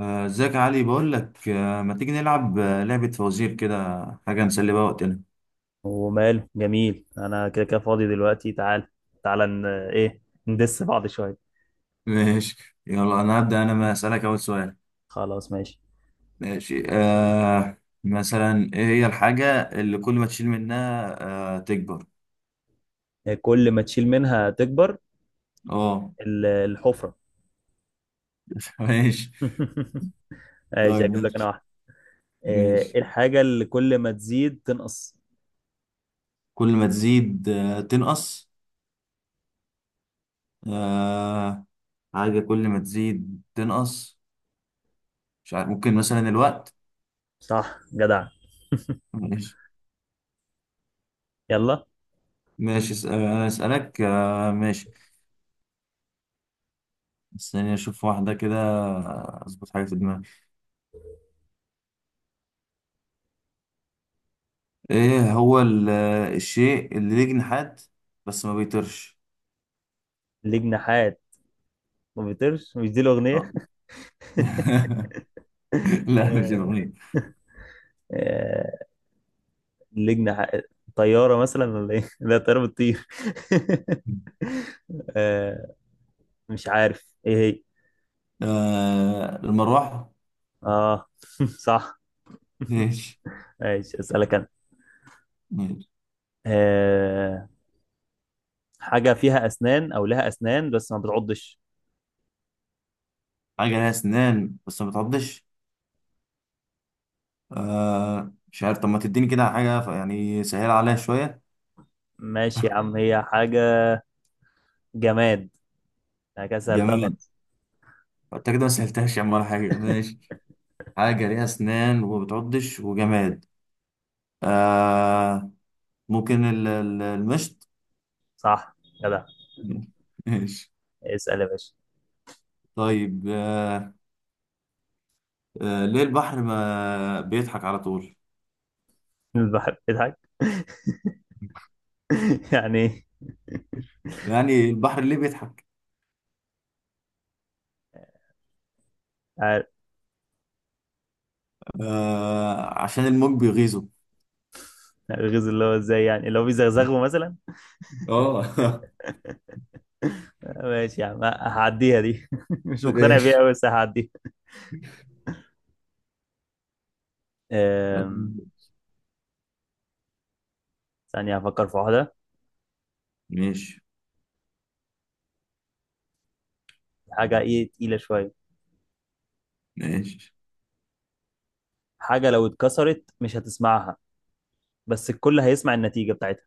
ازيك يا علي؟ بقول لك، ما تيجي نلعب لعبة فوازير كده، حاجة نسلي بقى وقتنا. وماله، جميل. انا كده كده فاضي دلوقتي. تعال تعال، ن... ايه ندس بعض شويه. ماشي، يلا انا هبدأ، انا ما اسألك اول سؤال. خلاص ماشي. ماشي. مثلا، ايه هي الحاجة اللي كل ما تشيل منها تكبر؟ كل ما تشيل منها تكبر، اه. الحفره. ماشي. ماشي، طيب هجيب لك انا ماشي. واحده. ايه ماشي، الحاجه اللي كل ما تزيد تنقص؟ كل ما تزيد تنقص. آه حاجة كل ما تزيد تنقص، مش عارف، ممكن مثلا الوقت. صح جدع. ماشي. يلا. ماشي، انا اسألك. ماشي، استني اشوف واحدة كده، اظبط حاجة في دماغي. ايه هو الشيء اللي ليه جناحات بس ما بيطيرش؟ ليه جناحات ما بيطيرش؟ مش دي الاغنيه؟ آه. لا، مش آه، الأغنية. آه، ليه جناحات. طياره مثلا ولا ايه؟ لا، طياره بتطير. آه، مش عارف ايه هي. المروحة. اه. صح. ماشي. ماشي، اسالك انا. ماشي، أه... حاجه فيها اسنان او لها اسنان بس ما بتعضش؟ حاجة لها أسنان بس ما بتعضش؟ مش عارف، طب ما تديني كده حاجة يعني سهل عليها شوية. ماشي يا عم، هي حاجه جماد. انا كده سهلتها جماد؟ خالص. أنت كده ما سهلتهاش يا عم ولا حاجة، ماشي. حاجة ليها أسنان وما بتعضش وجماد، آه، ممكن المشط. صح جدع، ماشي. اسال يا باشا. طيب، ليه البحر ما بيضحك على طول؟ البحر بيضحك؟ يعني ايه؟ يعني البحر ليه بيضحك؟ عارف. عشان الموج بيغيظه. الغيظ اللي هو ازاي؟ يعني اللي هو بيزغزغه مثلا؟ اه. ماشي يا عم، هعديها دي، مش مقتنع بيها ماشي. قوي بس هعديها. أم، ثانية هفكر في واحدة. ماشي. حاجة ايه تقيلة شوية. ماشي، حاجة لو اتكسرت مش هتسمعها، بس الكل هيسمع النتيجة بتاعتها.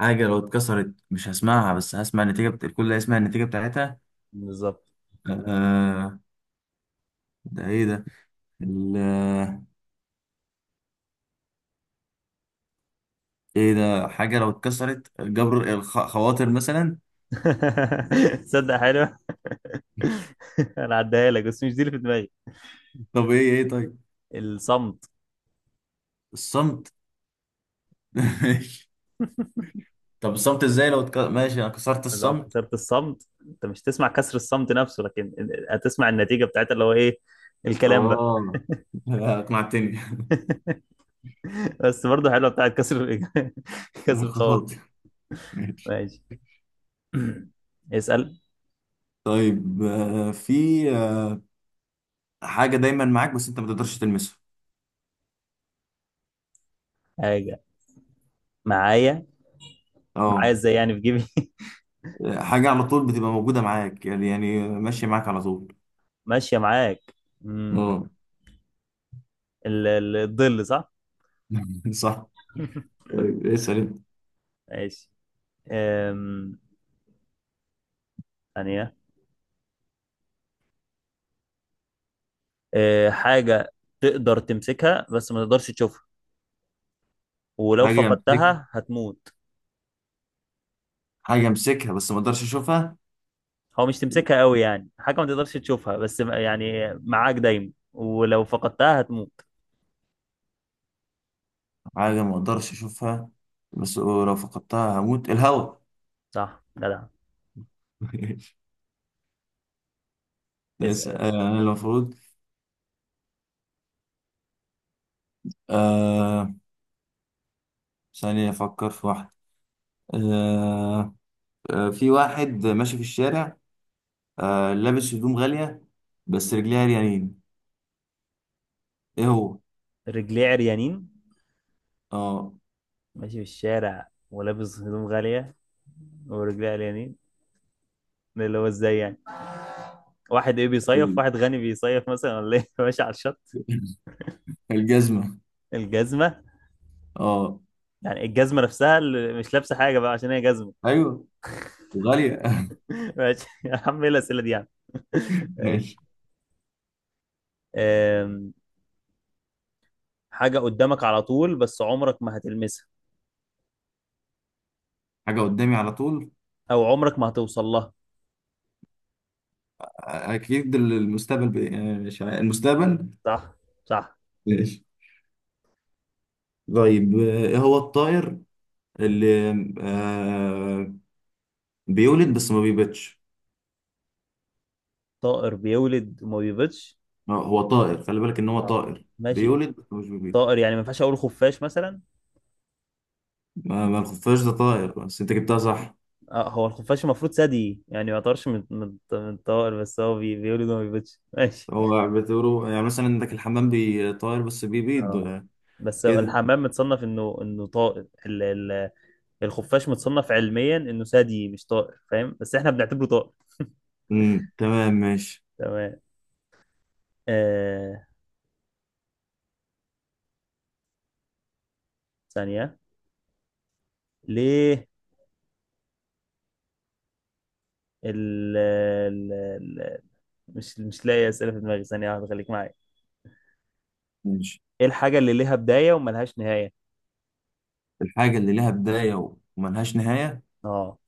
حاجة لو اتكسرت مش هسمعها، بس هسمع النتيجة الكل هيسمع النتيجة بتاعتها. بالظبط. آه، ده ايه ده؟ ال... ايه ده؟ حاجة لو اتكسرت، جبر الخواطر مثلا. تصدق حلو. انا عديها لك بس مش دي اللي في دماغي. طب ايه طيب؟ الصمت. الصمت. ماشي، طب الصمت ازاي لو ماشي، انا كسرت لو الصمت. كسرت الصمت انت مش تسمع كسر الصمت نفسه، لكن هتسمع النتيجه بتاعتها اللي هو ايه؟ الكلام بقى. اه. لا، اقنعتني. بس برضه حلوه بتاعت كسر، لا، كسر الخواطر. خلاص. ماشي. ماشي. اسال. طيب، في آه، حاجة دايما معاك بس انت ما تقدرش تلمسها. حاجه معايا. معايا اه. ازاي يعني، في جيبي؟ حاجة على طول بتبقى موجودة معاك، يعني ماشية معاك على طول. ماشيه معاك. امم اه. الظل. صح. صح. طيب اسأل انت. ماشي. أم... ثانيه. حاجة تقدر تمسكها بس ما تقدرش تشوفها ولو حاجة امسك فقدتها هتموت. حاجة امسكها بس ما اقدرش اشوفها. هو مش تمسكها قوي يعني، حاجة ما تقدرش تشوفها بس يعني معاك دايما ولو فقدتها هتموت. حاجة ما اقدرش اشوفها بس لو فقدتها هموت، الهواء. صح جدع. ماشي. اسأل. اسأل، انا المفروض. آه... ثانية افكر في واحدة. آه... في واحد ماشي في الشارع، لابس هدوم غالية بس رجليها عريانين، ايه هو؟ رجليه عريانين؟ اه، ماشي في الشارع ولابس هدوم غالية ورجليه عريانين. ده اللي هو ازاي يعني؟ واحد ايه بيصيف، ال- واحد غني بيصيف مثلا ولا ايه؟ ماشي على الشط. الجزمة. الجزمة. اه، يعني الجزمة نفسها اللي مش لابسة حاجة بقى عشان هي جزمة. ايوه، غالية. ماشي يا عم، ايه الأسئلة دي يعني. ماشي. آم، حاجة قدامك على طول بس عمرك ما هتلمسها، حاجة قدامي على طول، أو عمرك ما هتوصل لها. اكيد المستقبل، ب... آه، مش عارف، المستقبل. صح. صح. ماشي. طيب، ايه هو الطائر اللي آه بيولد بس ما بيبيضش؟ طائر بيولد وما بيبيضش. هو طائر، خلي بالك ان هو آه. طائر، ماشي. بيولد بس مش بيبيض. طائر يعني ما ينفعش أقول خفاش مثلا؟ ما الخفاش ده طائر، بس انت جبتها صح. آه، هو الخفاش المفروض ثدي، يعني ما يعتبرش من الطائر، بس هو بيولد وما بيبيضش. ماشي. هو بتقولوا يعني مثلا عندك الحمام بيطير بس آه. بيبيض بس هو كده. الحمام متصنف إنه طائر الخفاش متصنف علميا إنه ثدي مش طائر، فاهم؟ بس إحنا بنعتبره طائر. تمام، ماشي. تمام. آه... ثانية. ليه ال ال ال مش لاقي اسئله في دماغي. ثانيه واحده خليك معايا. ماشي، ايه الحاجه اللي ليها بدايه وملهاش نهايه؟ الحاجة اللي لها بداية وملهاش نهاية؟ اه.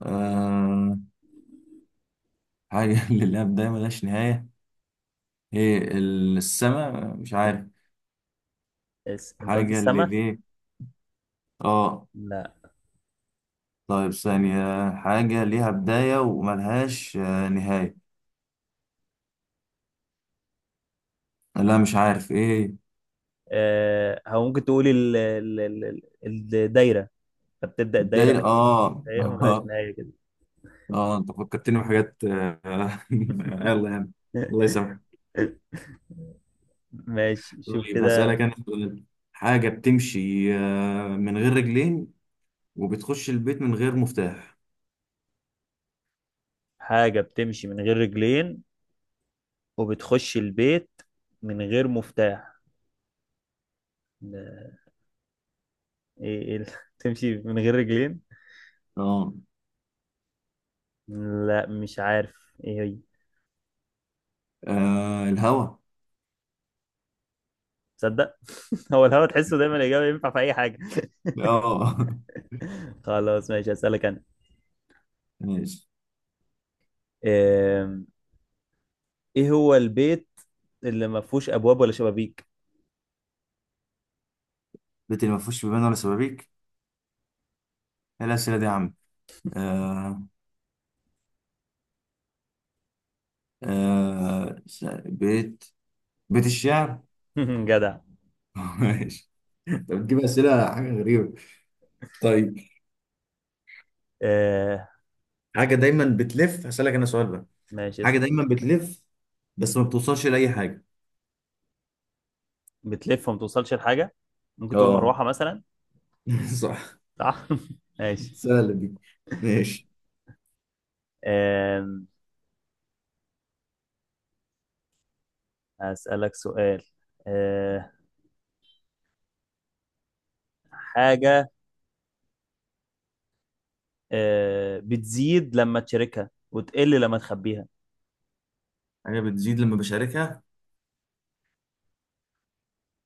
آه حاجة اللي لها بداية ملهاش نهاية، هي السماء؟ مش عارف. انت قلت حاجة اللي السما؟ ليه. اه. لا. طيب ثانية، حاجة ليها بداية وملهاش نهاية. لا، مش عارف ايه. آه، هو ممكن تقول الدايره. فبتبدا الدايره، الدايرة، اه. بدايه وملهاش نهايه كده. اه، انت فكرتني بحاجات يلا يعني، الله يسامحك. ماشي، شوف طيب كده. هسألك أنا سؤال، حاجة بتمشي من غير رجلين وبتخش البيت من غير مفتاح. حاجه بتمشي من غير رجلين، وبتخش البيت من غير مفتاح. لا، ايه تمشي من غير رجلين؟ اه، لا، مش عارف ايه هي. الهوا. تصدق؟ هو الهوا، تحسه دايما الاجابه ينفع في اي حاجه. اه. خلاص ماشي، هسألك انا. ماشي، آم، ايه هو البيت اللي ما فيهوش ابواب ولا شبابيك؟ البيت اللي ما فيهوش بيبان ولا شبابيك؟ إيه الأسئلة دي يا عم؟ آه آه س- بيت بيت الشعر. جدع. ماشي، أنت بتجيب أسئلة حاجة غريبة. طيب، آه، حاجة دايما بتلف، هسألك أنا سؤال بقى، ماشي، حاجة اسأل. دايما بتلف بس ما بتوصلش لأي حاجة. بتلف وما توصلش لحاجه. ممكن تقول اه. مروحه مثلا. صح، صح. ماشي. سهلة دي، ماشي. آم، هسألك سؤال. آه، حاجه بتزيد لما تشاركها وتقل لما تخبيها. حاجة بتزيد لما بشاركها.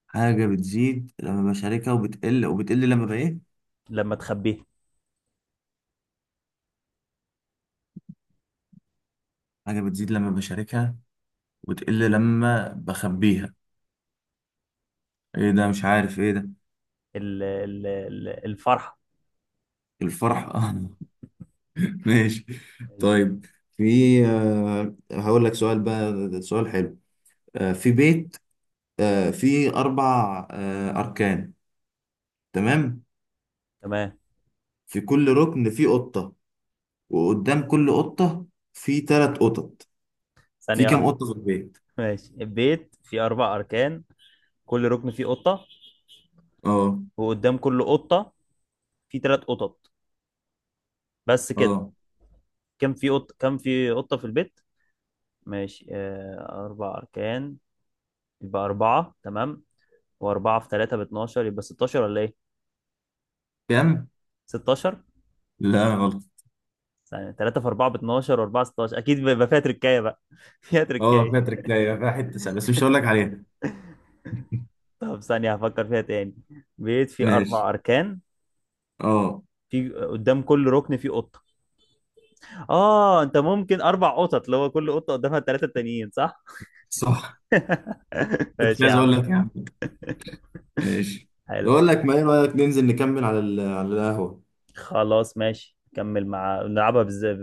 حاجة بتزيد لما بشاركها، وبتقل لما بإيه؟ لما تخبيها. حاجة بتزيد لما بشاركها وتقل لما بخبيها، ايه ده؟ مش عارف ايه ده. الفرحه. الفرح. اه، ماشي. ماشي. طيب، في، هقول لك سؤال بقى، ده سؤال حلو. في بيت فيه أربع أركان، تمام؟ تمام. في كل ركن فيه قطة، وقدام كل قطة فيه تلات قطط. في ثانيه كام واحدة. قطة في البيت؟ ماشي، البيت فيه أربع أركان، كل ركن فيه قطة، اه. وقدام كل قطة فيه تلات قطط، بس كده. اه كم في قطة في البيت؟ ماشي. أربع أركان يبقى أربعة، تمام. وأربعة في تلاتة 12، يبقى 16 ولا إيه؟ كام؟ 16؟ لا، غلط. ثانية، تلاتة في أربعة 12، وأربعة 16 أكيد. بيبقى فيها تركاية بقى، فيها اه، تركاية. باتريك، لا، فيها حته سهله بس مش هقول لك عليها. طب ثانية هفكر فيها تاني. بيت فيه ماشي. أربع أركان. اه، في قدام كل ركن فيه قطة. آه، أنت ممكن أربع قطط اللي هو كل قطة قدامها التلاتة التانيين، صح؟ صح، كنت ماشي يا عايز عم. اقول لك يا عم. ماشي، حلو. بقول لك، ما ايه رايك ننزل نكمل على على القهوه. خلاص ماشي. نكمل مع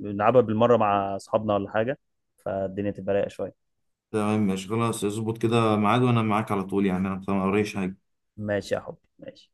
نلعبها بالمرة مع أصحابنا ولا حاجة. فالدنيا تبقى رايقة شوية. تمام ماشي، خلاص اظبط كده ميعاد وانا معاك على طول، يعني انا ما اوريش حاجه. ماشي يا حبي، ماشي.